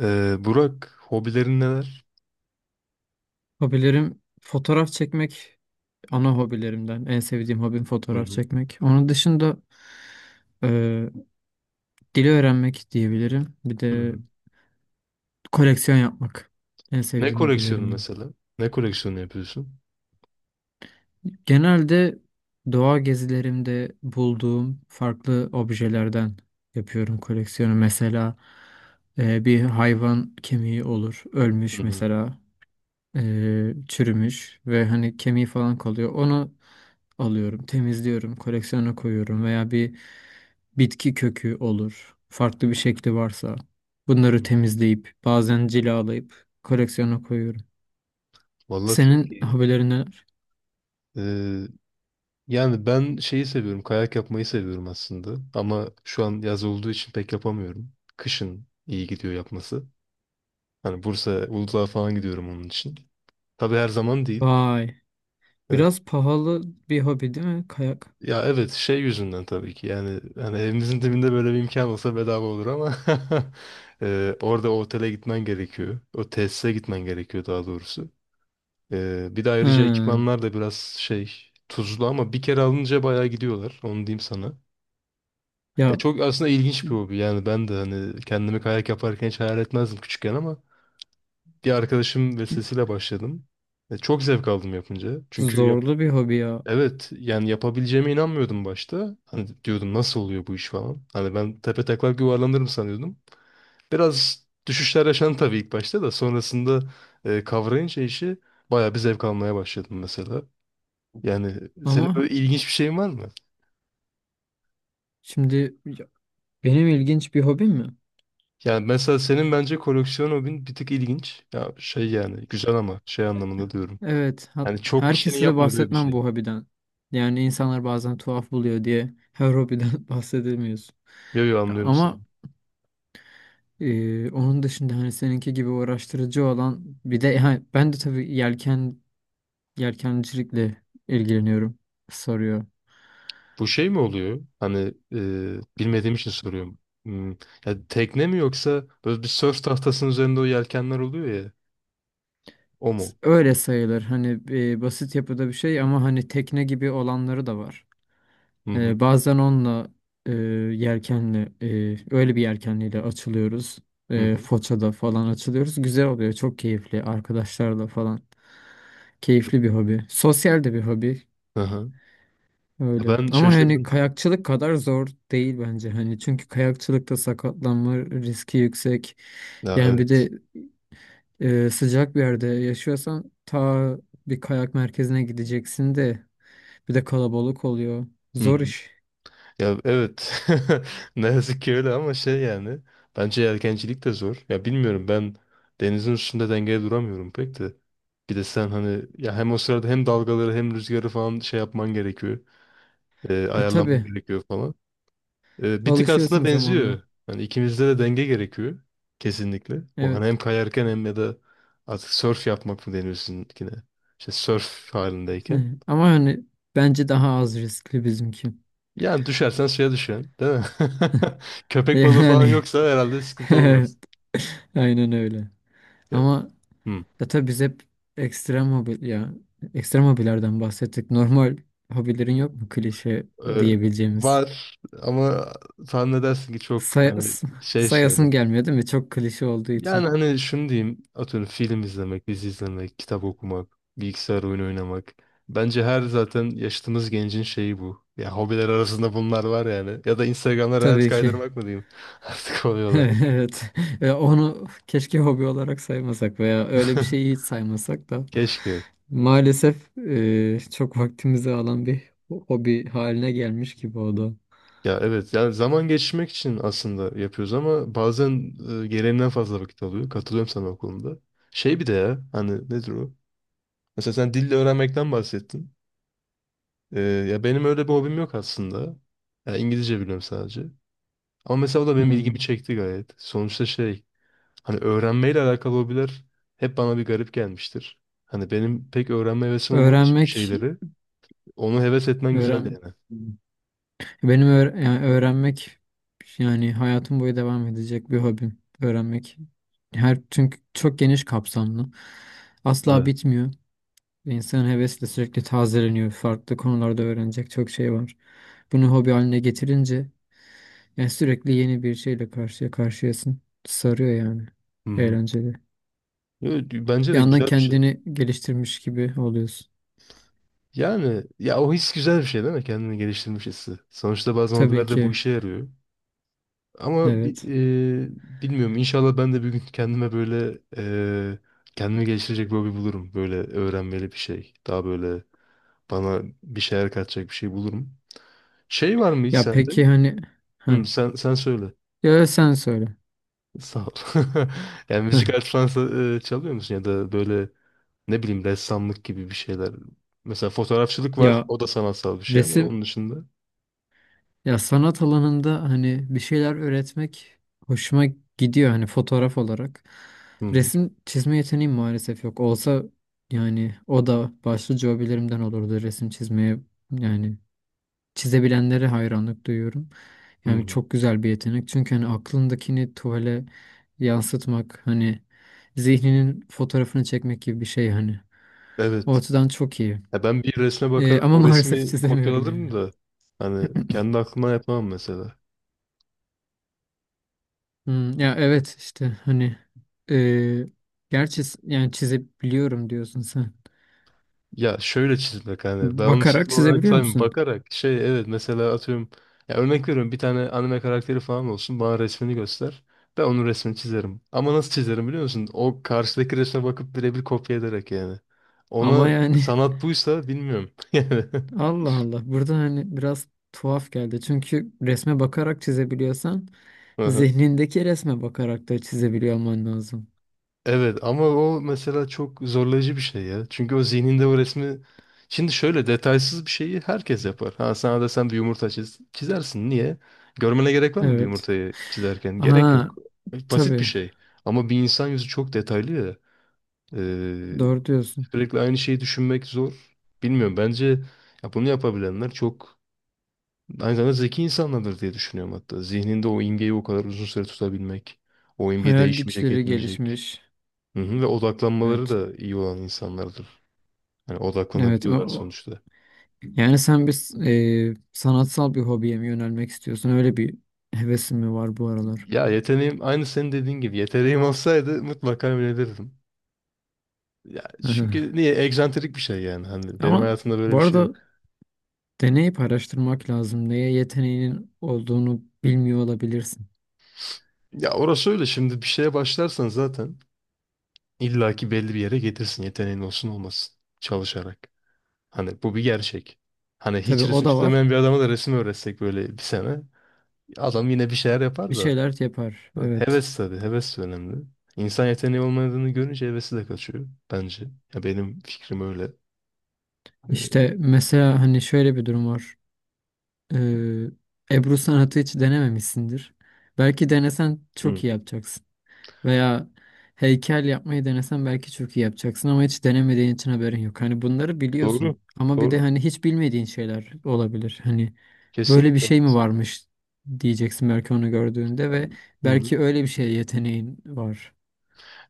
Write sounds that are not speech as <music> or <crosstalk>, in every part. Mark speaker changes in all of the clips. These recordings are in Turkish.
Speaker 1: Burak, hobilerin neler?
Speaker 2: Hobilerim fotoğraf çekmek ana hobilerimden. En sevdiğim hobim
Speaker 1: Hı
Speaker 2: fotoğraf
Speaker 1: hı.
Speaker 2: çekmek. Onun dışında e, dili öğrenmek diyebilirim. Bir
Speaker 1: Hı
Speaker 2: de
Speaker 1: hı.
Speaker 2: koleksiyon yapmak. En
Speaker 1: Ne
Speaker 2: sevdiğim
Speaker 1: koleksiyonu
Speaker 2: hobilerimden.
Speaker 1: mesela? Ne koleksiyonu yapıyorsun?
Speaker 2: Genelde doğa gezilerimde bulduğum farklı objelerden yapıyorum koleksiyonu. Mesela bir hayvan kemiği olur.
Speaker 1: Hı
Speaker 2: Ölmüş
Speaker 1: hı.
Speaker 2: mesela. Çürümüş ve hani kemiği falan kalıyor. Onu alıyorum, temizliyorum, koleksiyona koyuyorum veya bir bitki kökü olur. Farklı bir şekli varsa
Speaker 1: Hı
Speaker 2: bunları
Speaker 1: hı.
Speaker 2: temizleyip bazen cilalayıp koleksiyona koyuyorum.
Speaker 1: Vallahi çok
Speaker 2: Senin
Speaker 1: iyi.
Speaker 2: hobilerin neler?
Speaker 1: Ee, yani ben şeyi seviyorum, kayak yapmayı seviyorum aslında. Ama şu an yaz olduğu için pek yapamıyorum. Kışın iyi gidiyor yapması. Hani Bursa, Uludağ'a falan gidiyorum onun için. Tabii her zaman değil.
Speaker 2: Vay,
Speaker 1: Evet.
Speaker 2: biraz pahalı bir hobi değil mi kayak?
Speaker 1: Ya evet şey yüzünden tabii ki yani hani evimizin dibinde böyle bir imkan olsa bedava olur ama <laughs> orada o otele gitmen gerekiyor. O tesise gitmen gerekiyor daha doğrusu. Bir de ayrıca
Speaker 2: He,
Speaker 1: ekipmanlar da biraz şey tuzlu ama bir kere alınca bayağı gidiyorlar onu diyeyim sana.
Speaker 2: ya,
Speaker 1: Çok aslında ilginç bir hobi yani ben de hani kendimi kayak yaparken hiç hayal etmezdim küçükken ama bir arkadaşım vesilesiyle başladım. Çok zevk aldım yapınca çünkü
Speaker 2: zorlu bir hobi ya.
Speaker 1: evet yani yapabileceğime inanmıyordum başta. Hani diyordum nasıl oluyor bu iş falan. Hani ben tepe taklak yuvarlanırım sanıyordum. Biraz düşüşler yaşandı tabii ilk başta da sonrasında kavrayınca işi bayağı bir zevk almaya başladım mesela. Yani senin
Speaker 2: Ama
Speaker 1: böyle ilginç bir şeyin var mı?
Speaker 2: şimdi ya, benim ilginç bir hobim mi?
Speaker 1: Yani mesela senin bence koleksiyon hobin bir tık ilginç. Ya şey yani güzel ama şey anlamında diyorum.
Speaker 2: Evet,
Speaker 1: Yani çok kişinin
Speaker 2: herkese de
Speaker 1: yapmadığı bir
Speaker 2: bahsetmem
Speaker 1: şey.
Speaker 2: bu hobiden. Yani insanlar bazen tuhaf buluyor diye her hobiden <laughs> bahsedemiyorsun.
Speaker 1: Yo yo
Speaker 2: Ya
Speaker 1: anlıyorum seni.
Speaker 2: ama onun dışında hani seninki gibi uğraştırıcı olan bir de ha, ben de tabii yelkencilikle ilgileniyorum soruyor.
Speaker 1: Bu şey mi oluyor? Hani bilmediğim için soruyorum. Hmm, ya tekne mi yoksa böyle bir sörf tahtasının üzerinde o yelkenler oluyor ya. O mu?
Speaker 2: Öyle sayılır hani basit yapıda bir şey ama hani tekne gibi olanları da var.
Speaker 1: Hı hı.
Speaker 2: Bazen onunla e, yelkenle öyle bir yelkenliyle açılıyoruz.
Speaker 1: Hı hı.
Speaker 2: Foça'da falan açılıyoruz. Güzel oluyor. Çok keyifli. Arkadaşlarla falan. Keyifli bir hobi. Sosyal de bir hobi.
Speaker 1: Hı hı. Ya
Speaker 2: Öyle.
Speaker 1: ben
Speaker 2: Ama hani
Speaker 1: şaşırdım.
Speaker 2: kayakçılık kadar zor değil bence. Hani çünkü kayakçılıkta sakatlanma riski yüksek.
Speaker 1: Ya
Speaker 2: Yani bir
Speaker 1: evet.
Speaker 2: de sıcak bir yerde yaşıyorsan ta bir kayak merkezine gideceksin de bir de kalabalık oluyor.
Speaker 1: Hı
Speaker 2: Zor
Speaker 1: hı.
Speaker 2: iş.
Speaker 1: Ya evet. <laughs> Ne yazık ki öyle ama şey yani. Bence yelkencilik de zor. Ya bilmiyorum ben denizin üstünde dengeye duramıyorum pek de. Bir de sen hani ya hem o sırada hem dalgaları hem rüzgarı falan şey yapman gerekiyor.
Speaker 2: E
Speaker 1: Ayarlaman
Speaker 2: tabii.
Speaker 1: gerekiyor falan. Bir tık aslında
Speaker 2: Alışıyorsun zamanla.
Speaker 1: benziyor. Yani ikimizde de denge gerekiyor. Kesinlikle. O hani
Speaker 2: Evet.
Speaker 1: hem kayarken hem ya da artık surf yapmak mı deniyor sizinkine? İşte surf
Speaker 2: <laughs>
Speaker 1: halindeyken.
Speaker 2: Hı. Ama hani bence daha az riskli bizimki.
Speaker 1: Yani düşersen suya düşen, değil mi? <laughs> Köpek balığı falan
Speaker 2: Yani
Speaker 1: yoksa herhalde
Speaker 2: <laughs>
Speaker 1: sıkıntı
Speaker 2: evet.
Speaker 1: olmaz.
Speaker 2: Aynen öyle.
Speaker 1: Ya,
Speaker 2: Ama
Speaker 1: hmm.
Speaker 2: ya tabii biz hep ekstrem hobi ya ekstrem hobilerden bahsettik. Normal hobilerin yok mu klişe
Speaker 1: Ee,
Speaker 2: diyebileceğimiz?
Speaker 1: var ama tahmin edersin ki çok
Speaker 2: Say
Speaker 1: hani
Speaker 2: s-
Speaker 1: şey şeyler.
Speaker 2: sayasım gelmiyor değil mi? Çok klişe olduğu
Speaker 1: Yani
Speaker 2: için.
Speaker 1: hani şunu diyeyim. Atıyorum film izlemek, dizi izlemek, kitap okumak, bilgisayar oyunu oynamak. Bence her zaten yaşadığımız gencin şeyi bu. Ya hobiler arasında bunlar var yani. Ya da Instagram'da reels
Speaker 2: Tabii ki.
Speaker 1: kaydırmak mı diyeyim? <laughs> Artık hobi
Speaker 2: <laughs>
Speaker 1: olarak.
Speaker 2: Evet. Ve onu keşke hobi olarak saymasak veya öyle bir
Speaker 1: <laughs>
Speaker 2: şeyi hiç saymasak da
Speaker 1: Keşke.
Speaker 2: maalesef çok vaktimizi alan bir hobi haline gelmiş gibi o da.
Speaker 1: Ya evet yani zaman geçirmek için aslında yapıyoruz ama bazen gereğinden fazla vakit alıyor. Katılıyorum sana o konuda. Şey bir de ya hani nedir o? Mesela sen dille öğrenmekten bahsettin. Ya benim öyle bir hobim yok aslında. Ya İngilizce biliyorum sadece. Ama mesela o da benim
Speaker 2: Hmm.
Speaker 1: ilgimi çekti gayet. Sonuçta şey hani öğrenmeyle alakalı hobiler hep bana bir garip gelmiştir. Hani benim pek öğrenme hevesim olmadığı için bir
Speaker 2: Öğrenmek,
Speaker 1: şeyleri onu heves etmen güzel
Speaker 2: öğren
Speaker 1: yani.
Speaker 2: benim öğ- yani öğrenmek yani hayatım boyu devam edecek bir hobim. Öğrenmek çünkü çok geniş kapsamlı. Asla
Speaker 1: Evet.
Speaker 2: bitmiyor. Ve İnsanın hevesle sürekli tazeleniyor. Farklı konularda öğrenecek çok şey var. Bunu hobi haline getirince yani sürekli yeni bir şeyle karşıya karşıyasın. Sarıyor yani.
Speaker 1: Hı hı.
Speaker 2: Eğlenceli.
Speaker 1: Yo, bence
Speaker 2: Bir
Speaker 1: de
Speaker 2: yandan
Speaker 1: güzel bir şey.
Speaker 2: kendini geliştirmiş gibi oluyorsun.
Speaker 1: Yani ya o his güzel bir şey değil mi? Kendini geliştirmiş hissi. Sonuçta bazen
Speaker 2: Tabii
Speaker 1: hobiler de bu
Speaker 2: ki.
Speaker 1: işe yarıyor. Ama
Speaker 2: Evet.
Speaker 1: bilmiyorum. İnşallah ben de bir gün kendime böyle kendimi geliştirecek bir hobi bulurum. Böyle öğrenmeli bir şey. Daha böyle bana bir şeyler katacak bir şey bulurum. Şey var mı hiç
Speaker 2: Ya
Speaker 1: sende?
Speaker 2: peki hani ha.
Speaker 1: Hı, sen söyle.
Speaker 2: Ya sen söyle.
Speaker 1: Sağ ol. <laughs> Yani müzik
Speaker 2: Heh.
Speaker 1: aleti falan çalıyor musun ya da böyle ne bileyim ressamlık gibi bir şeyler. Mesela fotoğrafçılık var.
Speaker 2: Ya
Speaker 1: O da sanatsal bir şey ama
Speaker 2: resim
Speaker 1: onun dışında.
Speaker 2: Ya sanat alanında hani bir şeyler öğretmek hoşuma gidiyor hani fotoğraf olarak.
Speaker 1: Hı hı.
Speaker 2: Resim çizme yeteneğim maalesef yok. Olsa yani o da başlıca hobilerimden olurdu resim çizmeye. Yani çizebilenlere hayranlık duyuyorum.
Speaker 1: Hı
Speaker 2: Yani
Speaker 1: hı.
Speaker 2: çok güzel bir yetenek. Çünkü hani aklındakini tuvale yansıtmak hani zihninin fotoğrafını çekmek gibi bir şey hani. O
Speaker 1: Evet.
Speaker 2: açıdan çok iyi.
Speaker 1: Ya ben bir resme
Speaker 2: Ee,
Speaker 1: bakarak
Speaker 2: ama <laughs>
Speaker 1: o
Speaker 2: maalesef
Speaker 1: resmi
Speaker 2: çizemiyorum
Speaker 1: kopyalarım da hani
Speaker 2: yani.
Speaker 1: kendi aklımdan yapamam mesela.
Speaker 2: Hmm, ya evet işte hani e, gerçi yani çizebiliyorum diyorsun sen.
Speaker 1: Ya şöyle çizmek hani ben onu
Speaker 2: Bakarak
Speaker 1: çizme olarak
Speaker 2: çizebiliyor
Speaker 1: saymıyorum.
Speaker 2: musun?
Speaker 1: Bakarak şey evet mesela atıyorum ya örnek veriyorum bir tane anime karakteri falan olsun bana resmini göster. Ben onun resmini çizerim. Ama nasıl çizerim biliyor musun? O karşıdaki resme bakıp birebir kopya ederek yani.
Speaker 2: Ama
Speaker 1: Ona
Speaker 2: yani
Speaker 1: sanat buysa bilmiyorum. <laughs>
Speaker 2: <laughs> Allah Allah burada hani biraz tuhaf geldi. Çünkü resme bakarak çizebiliyorsan
Speaker 1: Yani.
Speaker 2: zihnindeki resme bakarak da çizebiliyor olman lazım.
Speaker 1: Evet ama o mesela çok zorlayıcı bir şey ya. Çünkü o zihninde o resmi... Şimdi şöyle detaysız bir şeyi herkes yapar. Ha sana desem bir yumurta çiz, çizersin. Niye? Görmene gerek var mı bir
Speaker 2: Evet.
Speaker 1: yumurtayı çizerken? Gerek
Speaker 2: Aha,
Speaker 1: yok. Basit bir
Speaker 2: tabii
Speaker 1: şey. Ama bir insan yüzü çok detaylı ya. Ee,
Speaker 2: doğru diyorsun.
Speaker 1: sürekli aynı şeyi düşünmek zor. Bilmiyorum bence ya bunu yapabilenler çok aynı zamanda zeki insanlardır diye düşünüyorum hatta. Zihninde o imgeyi o kadar uzun süre tutabilmek. O imge
Speaker 2: Hayal
Speaker 1: değişmeyecek
Speaker 2: güçleri
Speaker 1: etmeyecek.
Speaker 2: gelişmiş.
Speaker 1: Hı hı, ve odaklanmaları
Speaker 2: Evet.
Speaker 1: da iyi olan insanlardır. Yani
Speaker 2: Evet.
Speaker 1: odaklanabiliyorlar sonuçta.
Speaker 2: Yani sen bir sanatsal bir hobiye mi yönelmek istiyorsun? Öyle bir hevesin mi var bu aralar?
Speaker 1: Ya yeteneğim aynı senin dediğin gibi yeteneğim <laughs> olsaydı mutlaka yönelirdim. Ya
Speaker 2: Aha.
Speaker 1: çünkü niye egzantrik bir şey yani hani benim
Speaker 2: Ama
Speaker 1: hayatımda böyle
Speaker 2: bu
Speaker 1: bir şey
Speaker 2: arada
Speaker 1: yok.
Speaker 2: deneyip araştırmak lazım. Neye yeteneğinin olduğunu bilmiyor olabilirsin.
Speaker 1: Ya orası öyle şimdi bir şeye başlarsan zaten illaki belli bir yere getirsin yeteneğin olsun olmasın çalışarak. Hani bu bir gerçek. Hani
Speaker 2: Tabii
Speaker 1: hiç
Speaker 2: o
Speaker 1: resim
Speaker 2: da
Speaker 1: çizemeyen
Speaker 2: var.
Speaker 1: bir adama da resim öğretsek böyle bir sene adam yine bir şeyler
Speaker 2: Bir
Speaker 1: yapar da.
Speaker 2: şeyler yapar. Evet.
Speaker 1: Heves tabii. Heves de önemli. İnsan yeteneği olmadığını görünce hevesi de kaçıyor bence. Ya benim fikrim öyle. Ee,
Speaker 2: İşte mesela hani şöyle bir durum var. Ee, Ebru sanatı hiç denememişsindir. Belki denesen
Speaker 1: Hı.
Speaker 2: çok iyi yapacaksın. Veya heykel yapmayı denesen belki çok iyi yapacaksın ama hiç denemediğin için haberin yok. Hani bunları
Speaker 1: Doğru.
Speaker 2: biliyorsun. Ama bir de
Speaker 1: Doğru.
Speaker 2: hani hiç bilmediğin şeyler olabilir. Hani böyle bir
Speaker 1: Kesinlikle
Speaker 2: şey mi
Speaker 1: haklısın.
Speaker 2: varmış diyeceksin belki onu gördüğünde ve
Speaker 1: Hı hı.
Speaker 2: belki öyle bir şeye yeteneğin var.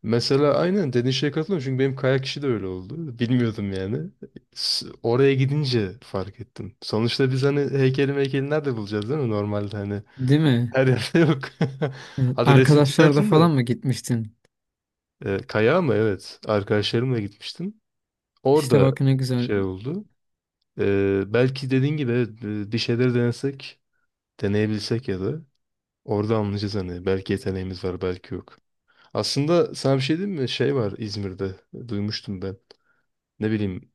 Speaker 1: Mesela aynen dediğin şeye katılıyorum çünkü benim kayak işi de öyle oldu. <laughs> Bilmiyordum yani. Oraya gidince fark ettim. Sonuçta biz hani heykeli meykeli nerede bulacağız değil mi? Normalde hani
Speaker 2: Değil mi?
Speaker 1: her yerde yok. <laughs>
Speaker 2: Evet.
Speaker 1: Hadi resim
Speaker 2: Arkadaşlar da
Speaker 1: çizersin
Speaker 2: falan
Speaker 1: de.
Speaker 2: mı gitmiştin?
Speaker 1: Kayağa mı? Evet. Arkadaşlarımla gitmiştim.
Speaker 2: İşte
Speaker 1: Orada
Speaker 2: bak ne güzel.
Speaker 1: şey oldu. Belki dediğin gibi evet, bir şeyleri denesek, deneyebilsek ya da orada anlayacağız hani belki yeteneğimiz var belki yok. Aslında sana bir şey diyeyim mi? Şey var İzmir'de duymuştum ben. Ne bileyim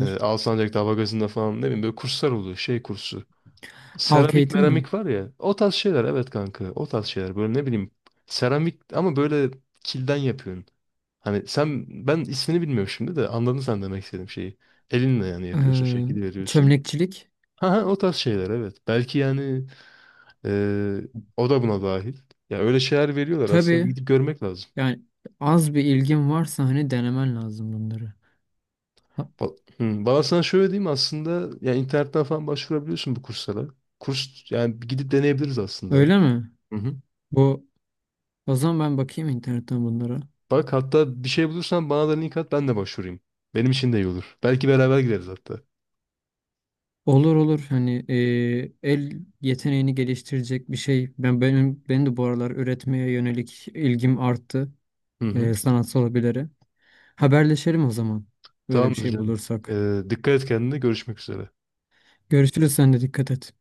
Speaker 1: Alsancak'ta Hava Gazı'nda falan ne bileyim böyle kurslar oluyor şey kursu.
Speaker 2: Halk
Speaker 1: Seramik
Speaker 2: eğitim mi?
Speaker 1: meramik var ya o tarz şeyler evet kanka o tarz şeyler böyle ne bileyim seramik ama böyle kilden yapıyorsun. Hani sen ben ismini bilmiyorum şimdi de anladın sen demek istediğim şeyi. Elinle yani yapıyorsun
Speaker 2: Ee,
Speaker 1: şekil veriyorsun.
Speaker 2: çömlekçilik.
Speaker 1: Ha, ha, o tarz şeyler evet. Belki yani e, o da buna dahil. Ya öyle şeyler veriyorlar aslında bir
Speaker 2: Tabii
Speaker 1: gidip görmek lazım.
Speaker 2: yani az bir ilgin varsa hani denemen lazım bunları. Ha,
Speaker 1: Hı, valla sana şöyle diyeyim aslında ya internetten falan başvurabiliyorsun bu kurslara. Kurs yani bir gidip deneyebiliriz aslında ya.
Speaker 2: öyle mi?
Speaker 1: Hı hı.
Speaker 2: Bu O zaman ben bakayım internetten bunlara.
Speaker 1: Bak hatta bir şey bulursan bana da link at ben de başvurayım. Benim için de iyi olur. Belki beraber gideriz hatta.
Speaker 2: Olur olur hani el yeteneğini geliştirecek bir şey. Benim de bu aralar üretmeye yönelik ilgim arttı
Speaker 1: Hı hı.
Speaker 2: sanatsal hobilere. Haberleşelim o zaman. Böyle bir
Speaker 1: Tamamdır
Speaker 2: şey
Speaker 1: canım.
Speaker 2: bulursak.
Speaker 1: Dikkat et kendine görüşmek üzere.
Speaker 2: Görüşürüz, sen de dikkat et.